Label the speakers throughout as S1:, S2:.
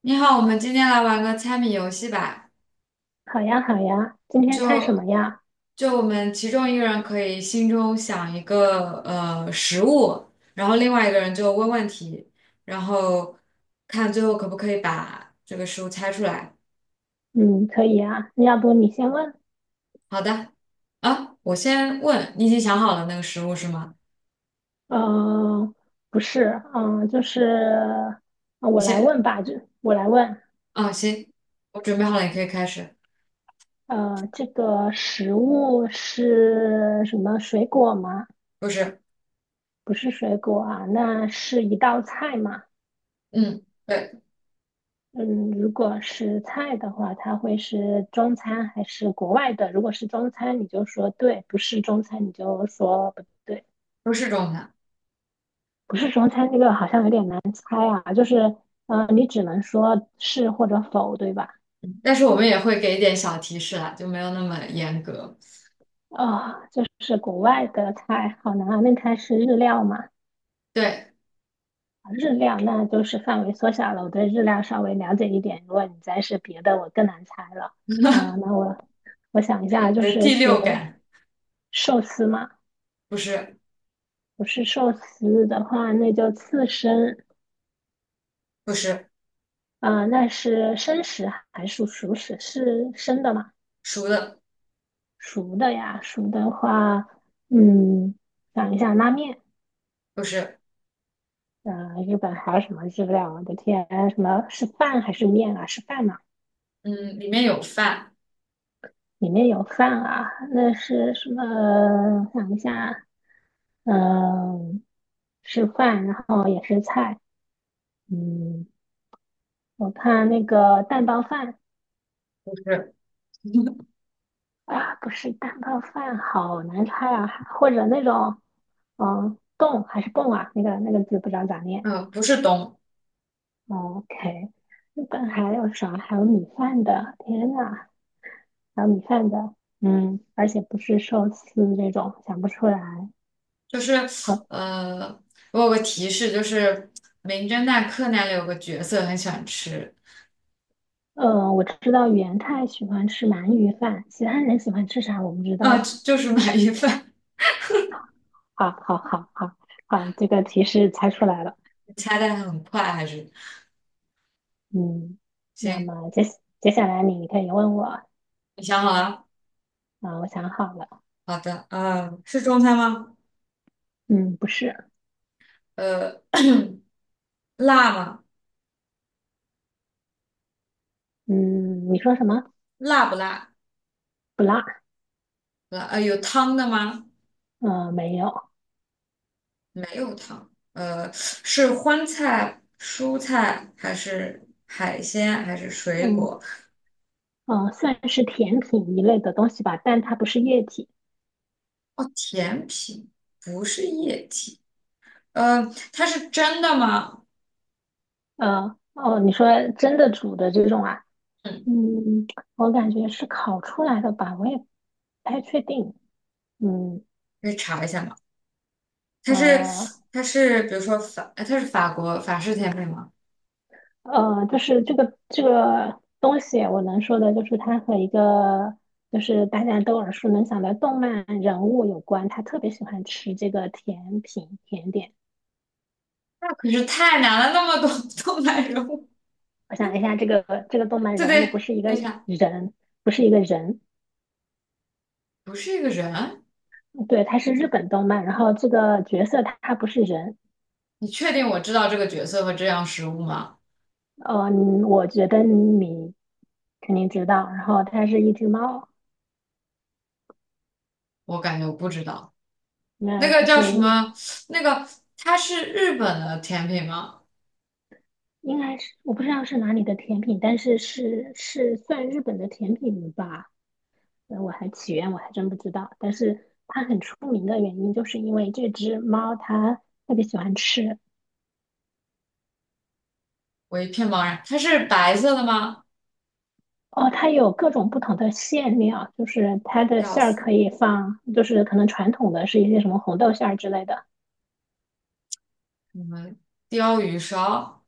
S1: 你好，我们今天来玩个猜谜游戏吧。
S2: 好呀，好呀，今天猜什么
S1: 就
S2: 呀？
S1: 就我们其中一个人可以心中想一个食物，然后另外一个人就问问题，然后看最后可不可以把这个食物猜出来。
S2: 嗯，可以呀。要不你先问？
S1: 好的，啊，我先问，你已经想好了那个食物是吗？
S2: 呃，不是，就是
S1: 你
S2: 我来
S1: 先，
S2: 问吧，就我来问。
S1: 啊，行，我准备好了，你可以开始。
S2: 这个食物是什么水果吗？
S1: 不是，
S2: 不是水果啊，那是一道菜吗？
S1: 嗯，对，
S2: 嗯，如果是菜的话，它会是中餐还是国外的？如果是中餐，你就说对；不是中餐，你就说不对。
S1: 不是中餐，
S2: 不是中餐那个好像有点难猜啊，就是，你只能说是或者否，对吧？
S1: 但是我们也会给一点小提示啦，就没有那么严格。
S2: 就是国外的菜，好难啊。那它是日料嘛？
S1: 对，
S2: 日料那就是范围缩小了，我对日料稍微了解一点。如果你再是别的，我更难猜了。那我想一下，
S1: 你
S2: 就
S1: 的
S2: 是
S1: 第
S2: 是
S1: 六感。
S2: 寿司嘛？
S1: 不是，
S2: 不是寿司的话，那就刺身。
S1: 不是
S2: 那是生食还是熟食？是生的吗？
S1: 熟的，
S2: 熟的呀，熟的话，嗯，想一下拉面，
S1: 不是，
S2: 日本还有什么日料？我的天，什么是饭还是面啊？是饭嘛？
S1: 嗯，里面有饭，
S2: 里面有饭啊，那是什么？想一下，嗯，是饭，然后也是菜，嗯，我看那个蛋包饭
S1: 不是，
S2: 啊，不是蛋包饭，好难猜啊，或者那种，嗯，冻还是泵啊？那个字不知道咋念。
S1: 嗯，不是冬，
S2: 哦 OK，日本还有啥？还有米饭的，天呐，还有米饭的，嗯，而且不是寿司这种，想不出来。
S1: 就是
S2: 好，
S1: 呃，我有个提示，就是《名侦探柯南》里有个角色很喜欢吃，
S2: 我知道元太喜欢吃鳗鱼饭，其他人喜欢吃啥我不知道
S1: 啊、
S2: 了。
S1: 就是鳗鱼饭，
S2: 好，好，好，好，好，这个提示猜出来了。
S1: 你猜的很快，还是
S2: 嗯，那
S1: 行，
S2: 么接下来你可以问我，
S1: 你想好了？
S2: 我想好了，
S1: 好的，是中餐吗？
S2: 嗯，不是，
S1: 呃，辣吗？
S2: 嗯，你说什么？
S1: 辣不辣？
S2: 不辣，
S1: 辣，有汤的吗？
S2: 嗯，没有，
S1: 没有糖，是荤菜、蔬菜还是海鲜还是水
S2: 嗯，
S1: 果？
S2: 算是甜品一类的东西吧，但它不是液体。
S1: 哦，甜品不是液体，呃，它是真的吗？
S2: 哦，你说真的煮的这种啊？
S1: 嗯，
S2: 嗯，我感觉是烤出来的吧，我也不太确定。嗯，
S1: 可以查一下吗？它是
S2: 呃，
S1: 它是比如说法，它是法国法式甜品吗？
S2: 就是这个东西，我能说的就是它和一个就是大家都耳熟能详的动漫人物有关，他特别喜欢吃这个甜品甜点。
S1: 那可是太难了，那么多 动漫人物
S2: 我想一下，这个动 漫
S1: 对
S2: 人物不
S1: 对，
S2: 是一
S1: 等
S2: 个
S1: 一
S2: 人，
S1: 下，
S2: 不是一个人。
S1: 不是一个人，
S2: 对，它是日本动漫，然后这个角色他不是人，
S1: 你确定我知道这个角色和这样食物吗？
S2: 我觉得你肯定知道，然后它是一只猫，
S1: 我感觉我不知道。那
S2: 那
S1: 个
S2: 它
S1: 叫什
S2: 是
S1: 么？那个它是日本的甜品吗？
S2: 应该是我不知道是哪里的甜品，但是算日本的甜品吧，我还真不知道，但是它很出名的原因就是因为这只猫它特别喜欢吃。
S1: 我一片茫然。它是白色的吗？
S2: 哦，它有各种不同的馅料，就是它的
S1: 要
S2: 馅儿
S1: 死！
S2: 可以放，就是可能传统的是一些什么红豆馅儿之类的，
S1: 我们鲷鱼烧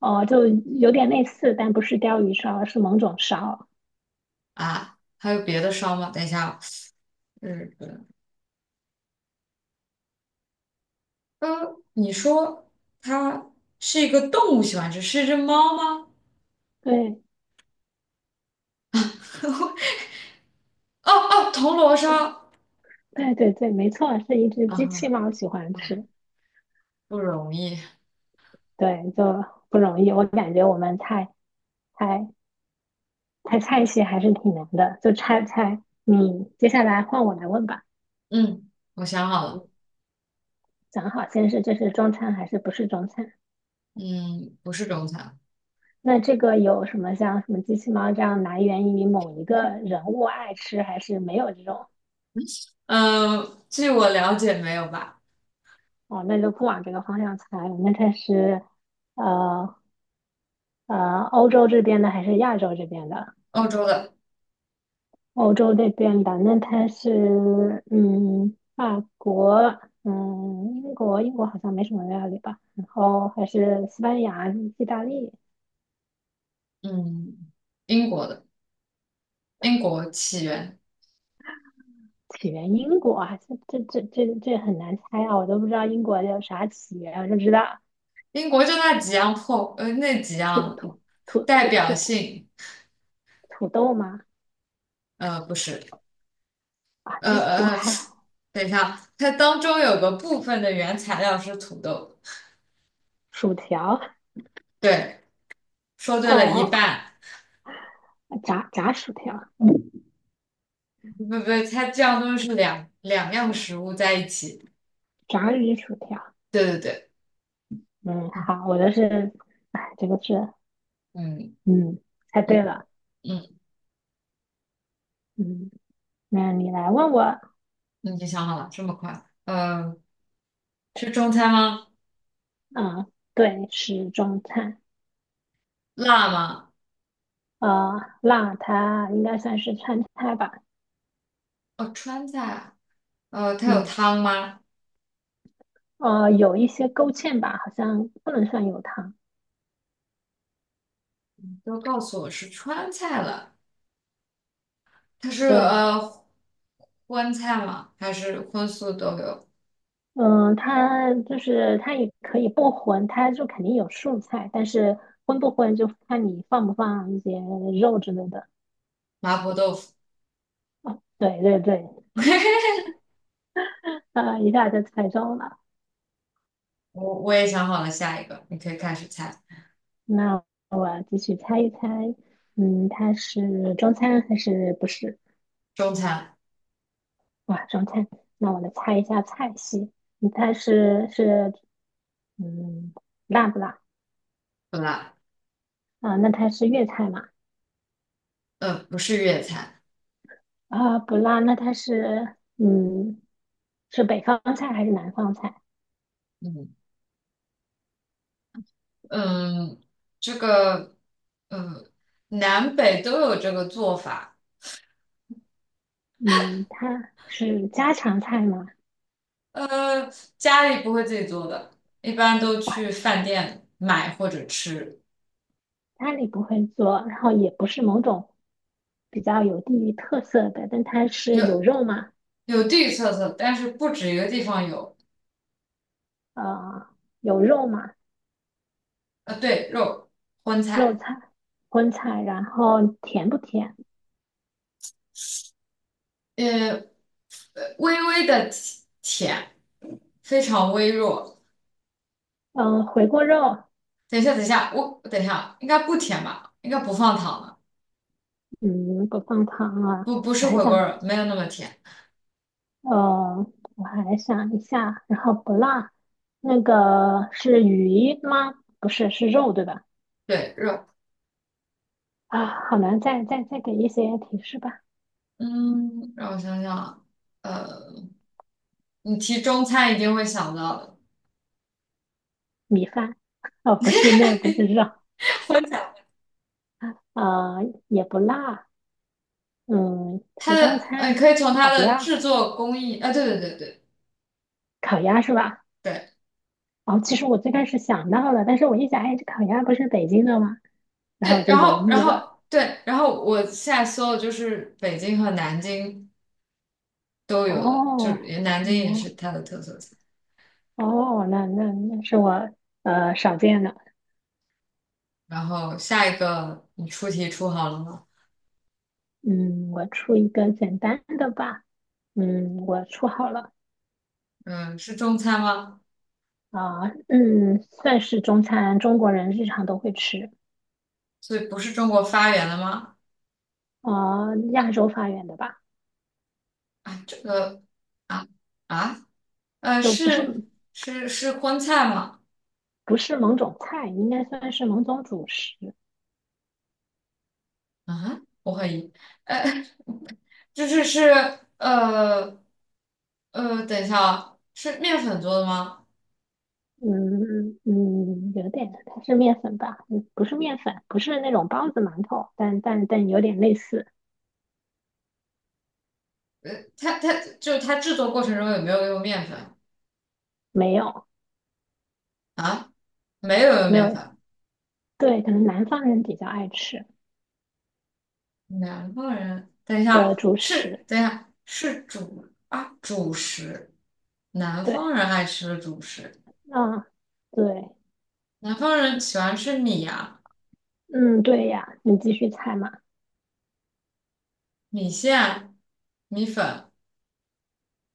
S2: 哦，就有点类似，但不是鲷鱼烧，而是某种烧。
S1: 啊，还有别的烧吗？等一下啊日本。你说它是一个动物喜欢吃，是一只猫吗？
S2: 对，
S1: 哦哦，铜锣烧
S2: 对对对，没错，是一只
S1: 啊
S2: 机器猫喜欢
S1: 啊，
S2: 吃。
S1: 不容易。
S2: 对，就不容易。我感觉我们猜猜菜系还是挺难的，就猜猜。你接下来换我来问吧，
S1: 嗯，我想好了，
S2: 讲好先是这是中餐还是不是中餐？
S1: 嗯，不是中餐。
S2: 那这个有什么像什么机器猫这样来源于某一个人物爱吃，还是没有这种？
S1: 嗯，据我了解，没有吧？
S2: 哦，那就不往这个方向猜了，那它是呃欧洲这边的还是亚洲这边的？
S1: 欧洲的。
S2: 欧洲这边的，那它是嗯，法国，嗯，英国好像没什么料理吧？然后还是西班牙、意大利，
S1: 嗯，英国的英国起源，
S2: 起源英国啊，这很难猜啊，我都不知道英国有啥起源啊，我就知道
S1: 英国就那几样破，那几
S2: 土
S1: 样
S2: 土土
S1: 代
S2: 土
S1: 表
S2: 土
S1: 性，
S2: 土豆吗？
S1: 不是，
S2: 啊，
S1: 呃
S2: 英国
S1: 呃，
S2: 还有
S1: 等一下，它当中有个部分的原材料是土豆，
S2: 薯条，
S1: 对，说对
S2: 哦
S1: 了一
S2: 哦，
S1: 半，
S2: 炸薯条，
S1: 嗯，不不不，它这样东西是两样食物在一起，
S2: 炸鱼薯条。
S1: 对对对，
S2: 嗯，
S1: 嗯
S2: 好，我的是，哎，这个是。
S1: 嗯
S2: 嗯，猜对
S1: 嗯
S2: 了。
S1: 嗯，
S2: 嗯，那你来问我
S1: 你已经想好了，这么快，是中餐吗？
S2: 啊，对，是中餐。
S1: 辣吗？
S2: 辣它应该算是川菜吧？
S1: 哦，川菜啊，它有
S2: 嗯，
S1: 汤吗？
S2: 有一些勾芡吧，好像不能算有汤。
S1: 都告诉我是川菜了，它是
S2: 对，
S1: 荤菜吗？还是荤素都有？
S2: 嗯，它就是它也可以不荤，它就肯定有素菜，但是荤不荤就看你放不放一些肉之类的。
S1: 麻婆豆腐，
S2: 啊，对对对，一下就猜中了。
S1: 我也想好了下一个，你可以开始猜。
S2: 那我要继续猜一猜，嗯，它是中餐还是不是？
S1: 中餐
S2: 哇，中餐。那我来猜一下菜系，你猜嗯辣不辣
S1: 不辣，
S2: 啊？那它是粤菜嘛？
S1: 不是粤菜，
S2: 啊，不辣。那它是北方菜还是南方菜？
S1: 嗯嗯，这个呃南北都有这个做法，
S2: 嗯，它是家常菜吗？
S1: 呃，家里不会自己做的，一般都
S2: 哇，
S1: 去饭店买或者吃，
S2: 家里不会做，然后也不是某种比较有地域特色的，但它是有
S1: 有
S2: 肉吗？
S1: 有地域特色，但是不止一个地方有。
S2: 啊，有肉吗？
S1: 对，肉，荤
S2: 肉
S1: 菜，
S2: 菜、荤菜，然后甜不甜？
S1: 呃，呃微微的甜，非常微弱。
S2: 嗯、回锅肉，
S1: 等一下，等一下，我等一下，应该不甜吧？应该不放糖的，
S2: 嗯，不放糖啊。
S1: 不不
S2: 我
S1: 是
S2: 还
S1: 回锅
S2: 想，
S1: 肉，没有那么甜。
S2: 呃，我还想一下，然后不辣，那个是鱼吗？不是，是肉对吧？
S1: 对，肉，
S2: 啊，好难，再给一些提示吧。
S1: 嗯，让我想想啊，呃，你提中餐一定会想到的，
S2: 米饭，哦，不是，那不是肉，
S1: 荤菜，
S2: 啊，也不辣，嗯，
S1: 它
S2: 集中
S1: 的，你
S2: 餐
S1: 可以从它
S2: 烤
S1: 的
S2: 鸭，
S1: 制作工艺，啊、对对对对
S2: 烤鸭是吧？
S1: 对
S2: 哦，其实我最开始想到了，但是我一想，哎，这烤鸭不是北京的吗？然后我
S1: 对，
S2: 就
S1: 然
S2: 犹
S1: 后然
S2: 豫了。
S1: 后对，然后我现在搜的就是北京和南京。都有的，就
S2: 哦，
S1: 是南京也是
S2: 嗯，
S1: 它的特色菜。
S2: 哦，那是我少见的。
S1: 然后下一个你出题出好了吗？
S2: 嗯，我出一个简单的吧。嗯，我出好了
S1: 嗯，是中餐吗？
S2: 啊。嗯，算是中餐，中国人日常都会吃
S1: 所以不是中国发源的吗？
S2: 啊，亚洲发源的吧，
S1: 啊，这个啊啊呃
S2: 就不是
S1: 是是荤菜吗？
S2: 不是某种菜，应该算是某种主食。
S1: 啊，我怀疑，呃，就是呃等一下啊，是面粉做的吗？
S2: 嗯嗯，有点，它是面粉吧？嗯，不是面粉，不是那种包子馒头，但有点类似，
S1: 呃，它就是它制作过程中有没有用面粉
S2: 没有
S1: 啊？没有用
S2: 没
S1: 面
S2: 有
S1: 粉。
S2: 对，可能南方人比较爱吃
S1: 南方人，等一
S2: 的
S1: 下，
S2: 主
S1: 是，
S2: 食。
S1: 等一下，是主啊，主食。南方
S2: 对，
S1: 人爱吃的主食，
S2: 嗯，对，
S1: 南方人喜欢吃米啊、
S2: 嗯，对呀，你继续猜嘛。
S1: 米线、米粉，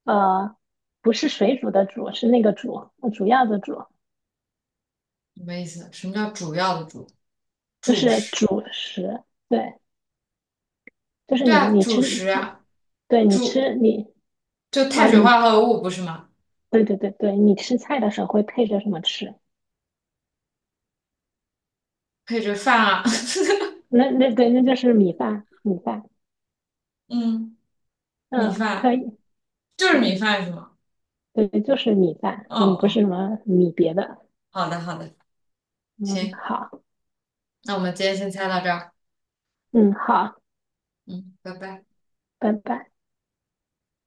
S2: 呃，不是水煮的煮，是那个煮，主要的煮，
S1: 什么意思？什么叫主要的主？
S2: 就
S1: 主
S2: 是
S1: 食，
S2: 主食。对，就是
S1: 对
S2: 你
S1: 啊，
S2: 你
S1: 主食
S2: 吃，
S1: 啊，
S2: 对你
S1: 主
S2: 吃你
S1: 就
S2: 啊
S1: 碳水
S2: 你
S1: 化合物不是吗？
S2: 对对对对，你吃菜的时候会配着什么吃？
S1: 配着饭啊，
S2: 那对，那就是米饭，米饭。
S1: 嗯，米
S2: 嗯，可
S1: 饭
S2: 以。
S1: 就是
S2: 对
S1: 米饭是吗？
S2: 对，就是米饭。
S1: 哦
S2: 嗯，不是
S1: 哦，
S2: 什么米别的。
S1: 好的好的，
S2: 嗯，
S1: 行，
S2: 好，
S1: 那我们今天先猜到这儿，
S2: 嗯，好，
S1: 嗯，拜拜。
S2: 拜拜。